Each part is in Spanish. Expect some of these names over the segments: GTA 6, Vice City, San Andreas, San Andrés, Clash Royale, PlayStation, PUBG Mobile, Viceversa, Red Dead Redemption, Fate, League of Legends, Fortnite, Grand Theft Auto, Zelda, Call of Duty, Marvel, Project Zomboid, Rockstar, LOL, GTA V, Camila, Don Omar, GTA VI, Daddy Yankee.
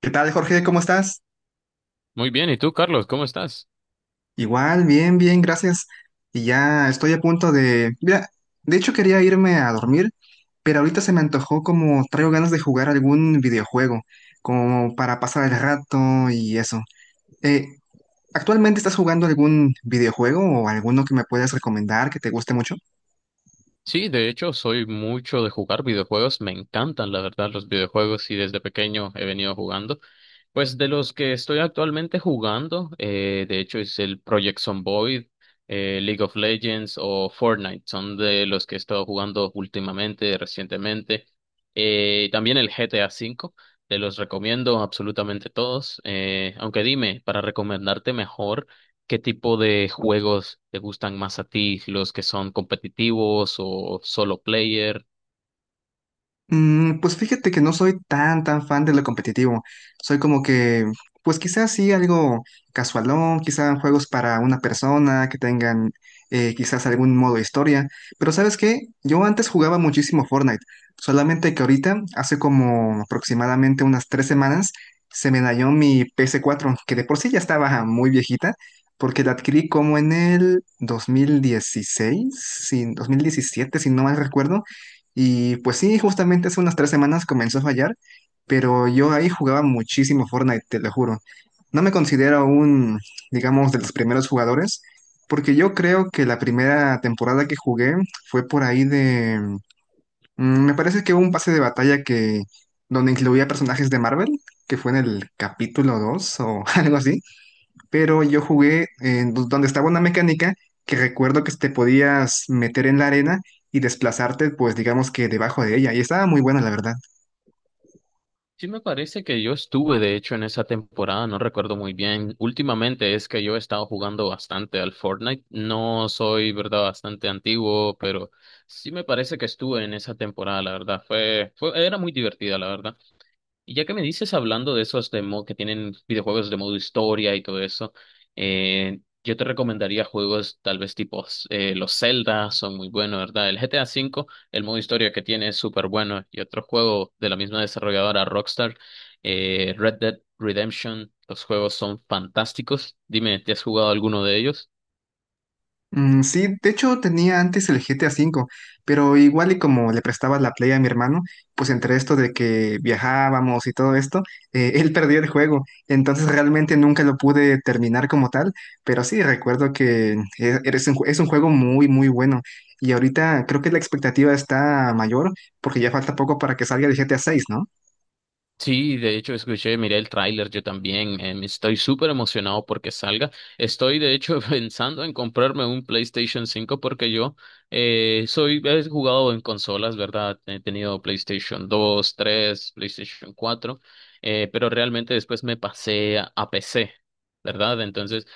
¿Qué tal, Jorge? ¿Cómo estás? Muy bien, ¿y tú, Carlos, cómo estás? Igual, bien, bien, gracias. Y ya estoy a punto de... Mira, de hecho quería irme a dormir, pero ahorita se me antojó como traigo ganas de jugar algún videojuego, como para pasar el rato y eso. Eh, ¿Actualmente estás jugando algún videojuego o alguno que me puedas recomendar que te guste mucho? Sí, de hecho, soy mucho de jugar videojuegos, me encantan, la verdad, los videojuegos y desde pequeño he venido jugando. Pues de los que estoy actualmente jugando, de hecho es el Project Zomboid, League of Legends o Fortnite, son de los que he estado jugando últimamente, recientemente. También el GTA V, te los recomiendo absolutamente todos. Aunque dime, para recomendarte mejor. ¿Qué tipo de juegos te gustan más a ti? ¿Los que son competitivos o solo player? Pues fíjate que no soy tan fan de lo competitivo. Soy como que, pues quizás sí algo casualón, quizás juegos para una persona que tengan quizás algún modo historia. Pero ¿sabes qué? Yo antes jugaba muchísimo Fortnite, solamente que ahorita, hace como aproximadamente unas 3 semanas, se me dañó mi ps cuatro, que de por sí ya estaba muy viejita, porque la adquirí como en el 2016, sí, 2017, si no mal recuerdo. Y pues sí, justamente hace unas 3 semanas comenzó a fallar, pero yo ahí jugaba muchísimo Fortnite, te lo juro. No me considero un, digamos, de los primeros jugadores, porque yo creo que la primera temporada que jugué fue por ahí de... Me parece que hubo un pase de batalla que donde incluía personajes de Marvel, que fue en el capítulo 2 o algo así, pero yo jugué en donde estaba una mecánica que recuerdo que te podías meter en la arena y desplazarte, pues digamos que debajo de ella, y estaba muy buena, la verdad. Sí, me parece que yo estuve, de hecho, en esa temporada, no recuerdo muy bien. Últimamente es que yo he estado jugando bastante al Fortnite. No soy, verdad, bastante antiguo, pero sí me parece que estuve en esa temporada, la verdad. Fue, era muy divertida, la verdad. Y ya que me dices hablando de esos que tienen videojuegos de modo historia y todo eso, yo te recomendaría juegos tal vez tipo los Zelda, son muy buenos, ¿verdad? El GTA V, el modo historia que tiene es súper bueno. Y otro juego de la misma desarrolladora Rockstar, Red Dead Redemption, los juegos son fantásticos. Dime, ¿te has jugado alguno de ellos? Sí, de hecho tenía antes el GTA V, pero igual y como le prestaba la Play a mi hermano, pues entre esto de que viajábamos y todo esto, él perdió el juego, entonces realmente nunca lo pude terminar como tal, pero sí recuerdo que es un juego muy bueno. Y ahorita creo que la expectativa está mayor porque ya falta poco para que salga el GTA seis, ¿no? Sí, de hecho escuché, miré el tráiler yo también. Estoy súper emocionado porque salga. Estoy de hecho pensando en comprarme un PlayStation 5 porque yo he jugado en consolas, ¿verdad? He tenido PlayStation 2, 3, PlayStation 4, pero realmente después me pasé a, PC, ¿verdad? Entonces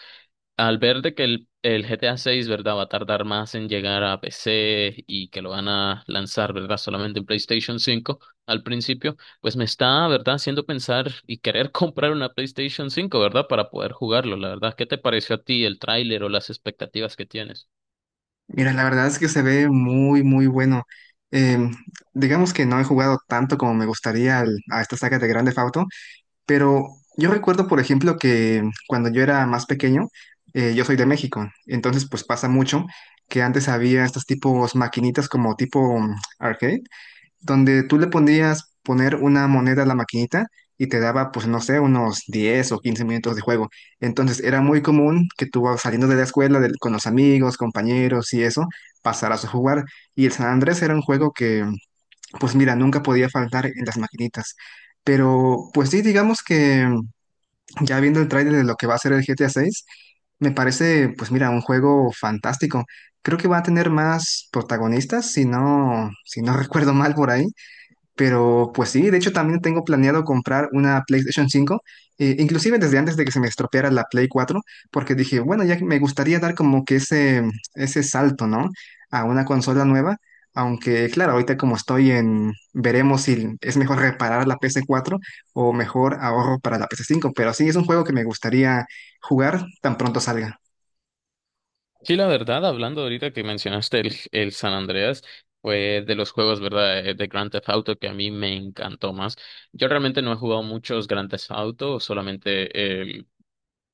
al ver de que el GTA 6, ¿verdad? Va a tardar más en llegar a PC y que lo van a lanzar, ¿verdad? Solamente en PlayStation 5 al principio, pues me está, ¿verdad? Haciendo pensar y querer comprar una PlayStation 5, ¿verdad? Para poder jugarlo, la verdad. ¿Qué te pareció a ti el tráiler o las expectativas que tienes? Mira, la verdad es que se ve muy bueno. Em, digamos que no he jugado tanto como me gustaría a esta saga de Grand Theft Auto, pero yo recuerdo, por ejemplo, que cuando yo era más pequeño, yo soy de México, entonces pues pasa mucho que antes había estos tipos maquinitas como tipo arcade, donde tú le podías poner una moneda a la maquinita y te daba, pues no sé, unos 10 o 15 minutos de juego. Entonces era muy común que tú saliendo de la escuela con los amigos, compañeros y eso, pasaras a jugar. Y el San Andrés era un juego que, pues mira, nunca podía faltar en las maquinitas. Pero pues sí, digamos que ya viendo el tráiler de lo que va a ser el GTA 6, me parece, pues mira, un juego fantástico. Creo que va a tener más protagonistas, si no recuerdo mal por ahí. Pero pues sí, de hecho también tengo planeado comprar una PlayStation cinco, inclusive desde antes de que se me estropeara la Play cuatro, porque dije, bueno, ya que me gustaría dar como que ese salto, ¿no? A una consola nueva, aunque claro, ahorita como estoy en, veremos si es mejor reparar la ps cuatro o mejor ahorro para la ps cinco, pero sí es un juego que me gustaría jugar tan pronto salga. Sí, la verdad, hablando ahorita que mencionaste el San Andreas, fue de los juegos, ¿verdad? De Grand Theft Auto que a mí me encantó más. Yo realmente no he jugado muchos Grand Theft Auto, solamente el,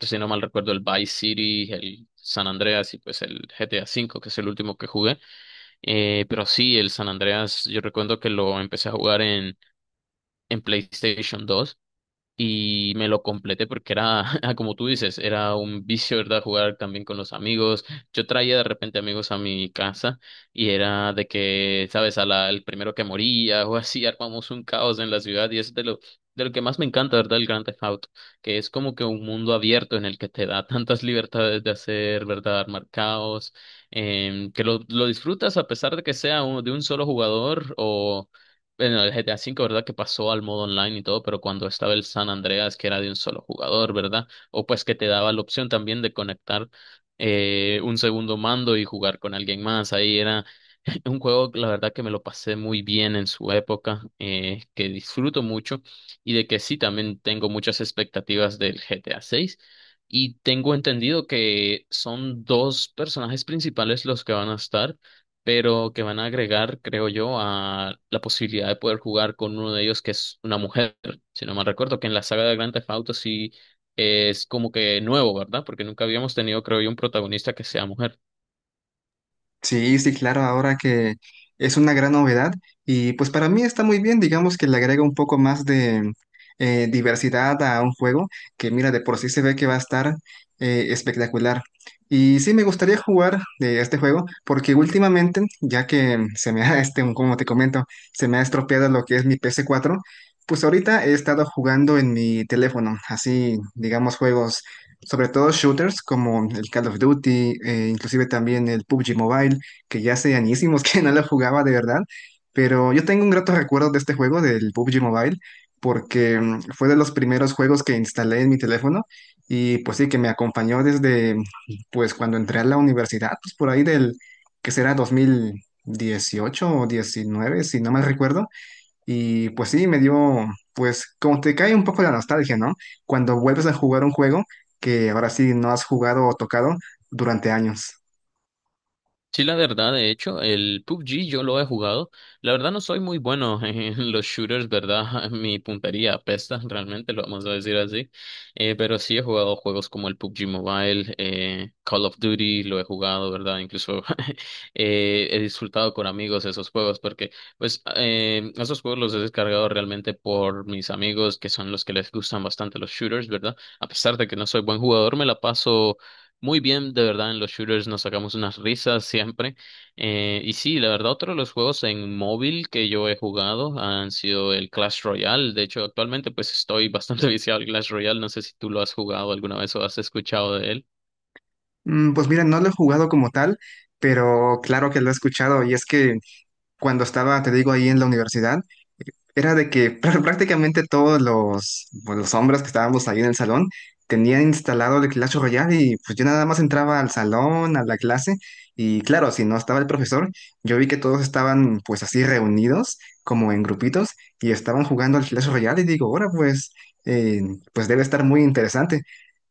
si no mal recuerdo, el Vice City, el San Andreas y pues el GTA V, que es el último que jugué. Pero sí, el San Andreas, yo recuerdo que lo empecé a jugar en, PlayStation 2 y me lo completé porque era, como tú dices, era un vicio, ¿verdad? Jugar también con los amigos. Yo traía de repente amigos a mi casa y era de que, ¿sabes? El primero que moría o así, armamos un caos en la ciudad y eso es de lo, que más me encanta, ¿verdad? El Grand Theft Auto, que es como que un mundo abierto en el que te da tantas libertades de hacer, ¿verdad? Armar caos, que lo disfrutas a pesar de que sea de un solo jugador o bueno, el GTA V, ¿verdad? Que pasó al modo online y todo, pero cuando estaba el San Andreas, que era de un solo jugador, ¿verdad? O pues que te daba la opción también de conectar un segundo mando y jugar con alguien más. Ahí era un juego, la verdad, que me lo pasé muy bien en su época, que disfruto mucho y de que sí, también tengo muchas expectativas del GTA VI. Y tengo entendido que son dos personajes principales los que van a estar, pero que van a agregar, creo yo, a la posibilidad de poder jugar con uno de ellos que es una mujer. Si no mal recuerdo, que en la saga de Grand Theft Auto sí es como que nuevo, ¿verdad? Porque nunca habíamos tenido, creo yo, un protagonista que sea mujer. Sí, sí, claro, ahora que es una gran novedad y pues para mí está muy bien, digamos que le agrega un poco más de diversidad a un juego que mira, de por sí se ve que va a estar espectacular. Y sí, me gustaría jugar de este juego porque últimamente, ya que se me ha, este, como te comento, se me ha estropeado lo que es mi ps cuatro. Pues ahorita he estado jugando en mi teléfono, así, digamos, juegos sobre todo shooters como el Call of Duty, inclusive también el PUBG Mobile, que ya hace añísimos que no lo jugaba de verdad, pero yo tengo un grato recuerdo de este juego, del PUBG Mobile, porque fue de los primeros juegos que instalé en mi teléfono y pues sí, que me acompañó desde pues cuando entré a la universidad, pues por ahí del que será 2018 o 19, si no mal recuerdo. Y pues sí, me dio, pues como te cae un poco la nostalgia, ¿no? Cuando vuelves a jugar un juego que ahora sí no has jugado o tocado durante años. Sí, la verdad, de hecho, el PUBG yo lo he jugado. La verdad no soy muy bueno en los shooters, ¿verdad? Mi puntería apesta, realmente, lo vamos a decir así. Pero sí he jugado juegos como el PUBG Mobile, Call of Duty, lo he jugado, ¿verdad? Incluso he disfrutado con amigos esos juegos porque, pues, esos juegos los he descargado realmente por mis amigos, que son los que les gustan bastante los shooters, ¿verdad? A pesar de que no soy buen jugador, me la paso muy bien, de verdad, en los shooters nos sacamos unas risas siempre. Y sí, la verdad, otro de los juegos en móvil que yo he jugado han sido el Clash Royale. De hecho, actualmente pues estoy bastante viciado al Clash Royale. No sé si tú lo has jugado alguna vez o has escuchado de él. Pues mira, no lo he jugado como tal, pero claro que lo he escuchado y es que cuando estaba, te digo, ahí en la universidad, era de que prácticamente todos los, pues, los hombres que estábamos ahí en el salón tenían instalado el Clash Royale y pues yo nada más entraba al salón, a la clase y claro, si no estaba el profesor, yo vi que todos estaban pues así reunidos como en grupitos y estaban jugando al Clash Royale y digo, ahora pues, eh, pues debe estar muy interesante.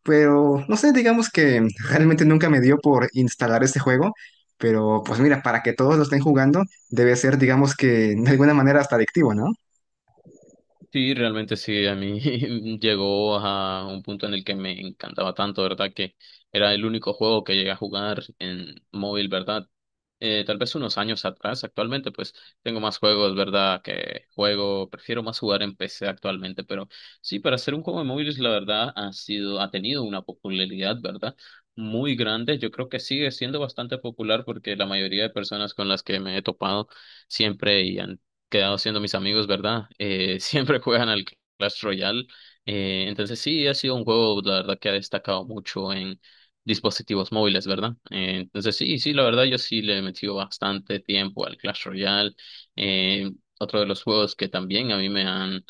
Pero no sé, digamos que realmente nunca me dio por instalar este juego, pero pues mira, para que todos lo estén jugando debe ser digamos que de alguna manera hasta adictivo, ¿no? Sí, realmente sí, a mí llegó a un punto en el que me encantaba tanto, ¿verdad? Que era el único juego que llegué a jugar en móvil, ¿verdad? Tal vez unos años atrás, actualmente pues tengo más juegos, ¿verdad? Que juego, prefiero más jugar en PC actualmente, pero sí, para hacer un juego de móviles, la verdad, ha sido, ha tenido una popularidad, ¿verdad? Muy grande, yo creo que sigue siendo bastante popular porque la mayoría de personas con las que me he topado siempre y han quedado siendo mis amigos, ¿verdad? Siempre juegan al Clash Royale. Entonces sí, ha sido un juego, la verdad, que ha destacado mucho en dispositivos móviles, ¿verdad? Entonces sí, sí, la verdad, yo sí le he metido bastante tiempo al Clash Royale. Eh, Otro de los juegos que también a mí me han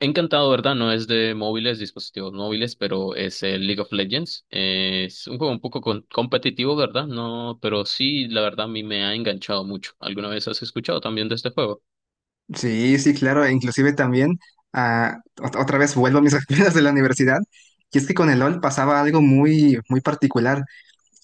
encantado, ¿verdad? No es de móviles, dispositivos móviles, pero es el League of Legends. Es un juego un poco competitivo, ¿verdad? No, pero sí, la verdad, a mí me ha enganchado mucho. ¿Alguna vez has escuchado también de este juego? Sí, sí, claro, e inclusive también, ah, otra vez vuelvo a mis experiencias de la universidad, y es que con el LOL pasaba algo muy particular.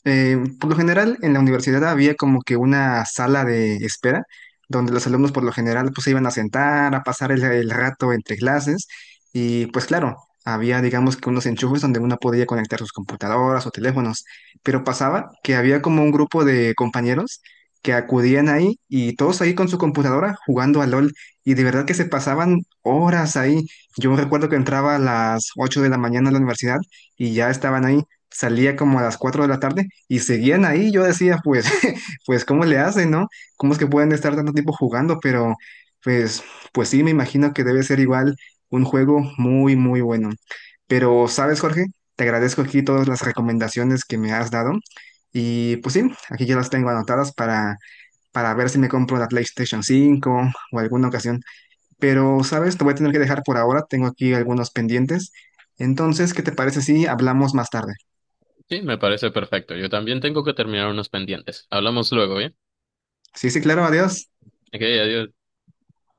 Por lo general, en la universidad había como que una sala de espera, donde los alumnos por lo general pues se iban a sentar, a pasar el rato entre clases, y pues claro, había digamos que unos enchufes donde uno podía conectar sus computadoras o teléfonos, pero pasaba que había como un grupo de compañeros que acudían ahí y todos ahí con su computadora jugando a LOL, y de verdad que se pasaban horas ahí. Yo recuerdo que entraba a las 8 de la mañana a la universidad y ya estaban ahí, salía como a las 4 de la tarde y seguían ahí. Yo decía, pues, pues, ¿cómo le hacen, no? ¿Cómo es que pueden estar tanto tiempo jugando? Pero, pues, pues sí, me imagino que debe ser igual un juego muy bueno. Pero, ¿sabes, Jorge? Te agradezco aquí todas las recomendaciones que me has dado. Y pues sí, aquí ya las tengo anotadas para ver si me compro la PlayStation cinco o alguna ocasión. Pero, ¿sabes? Te voy a tener que dejar por ahora. Tengo aquí algunos pendientes. Entonces, ¿qué te parece si hablamos más tarde? Sí, me parece perfecto. Yo también tengo que terminar unos pendientes. Hablamos luego, ¿bien? Sí, sí, claro, adiós. Ok, adiós.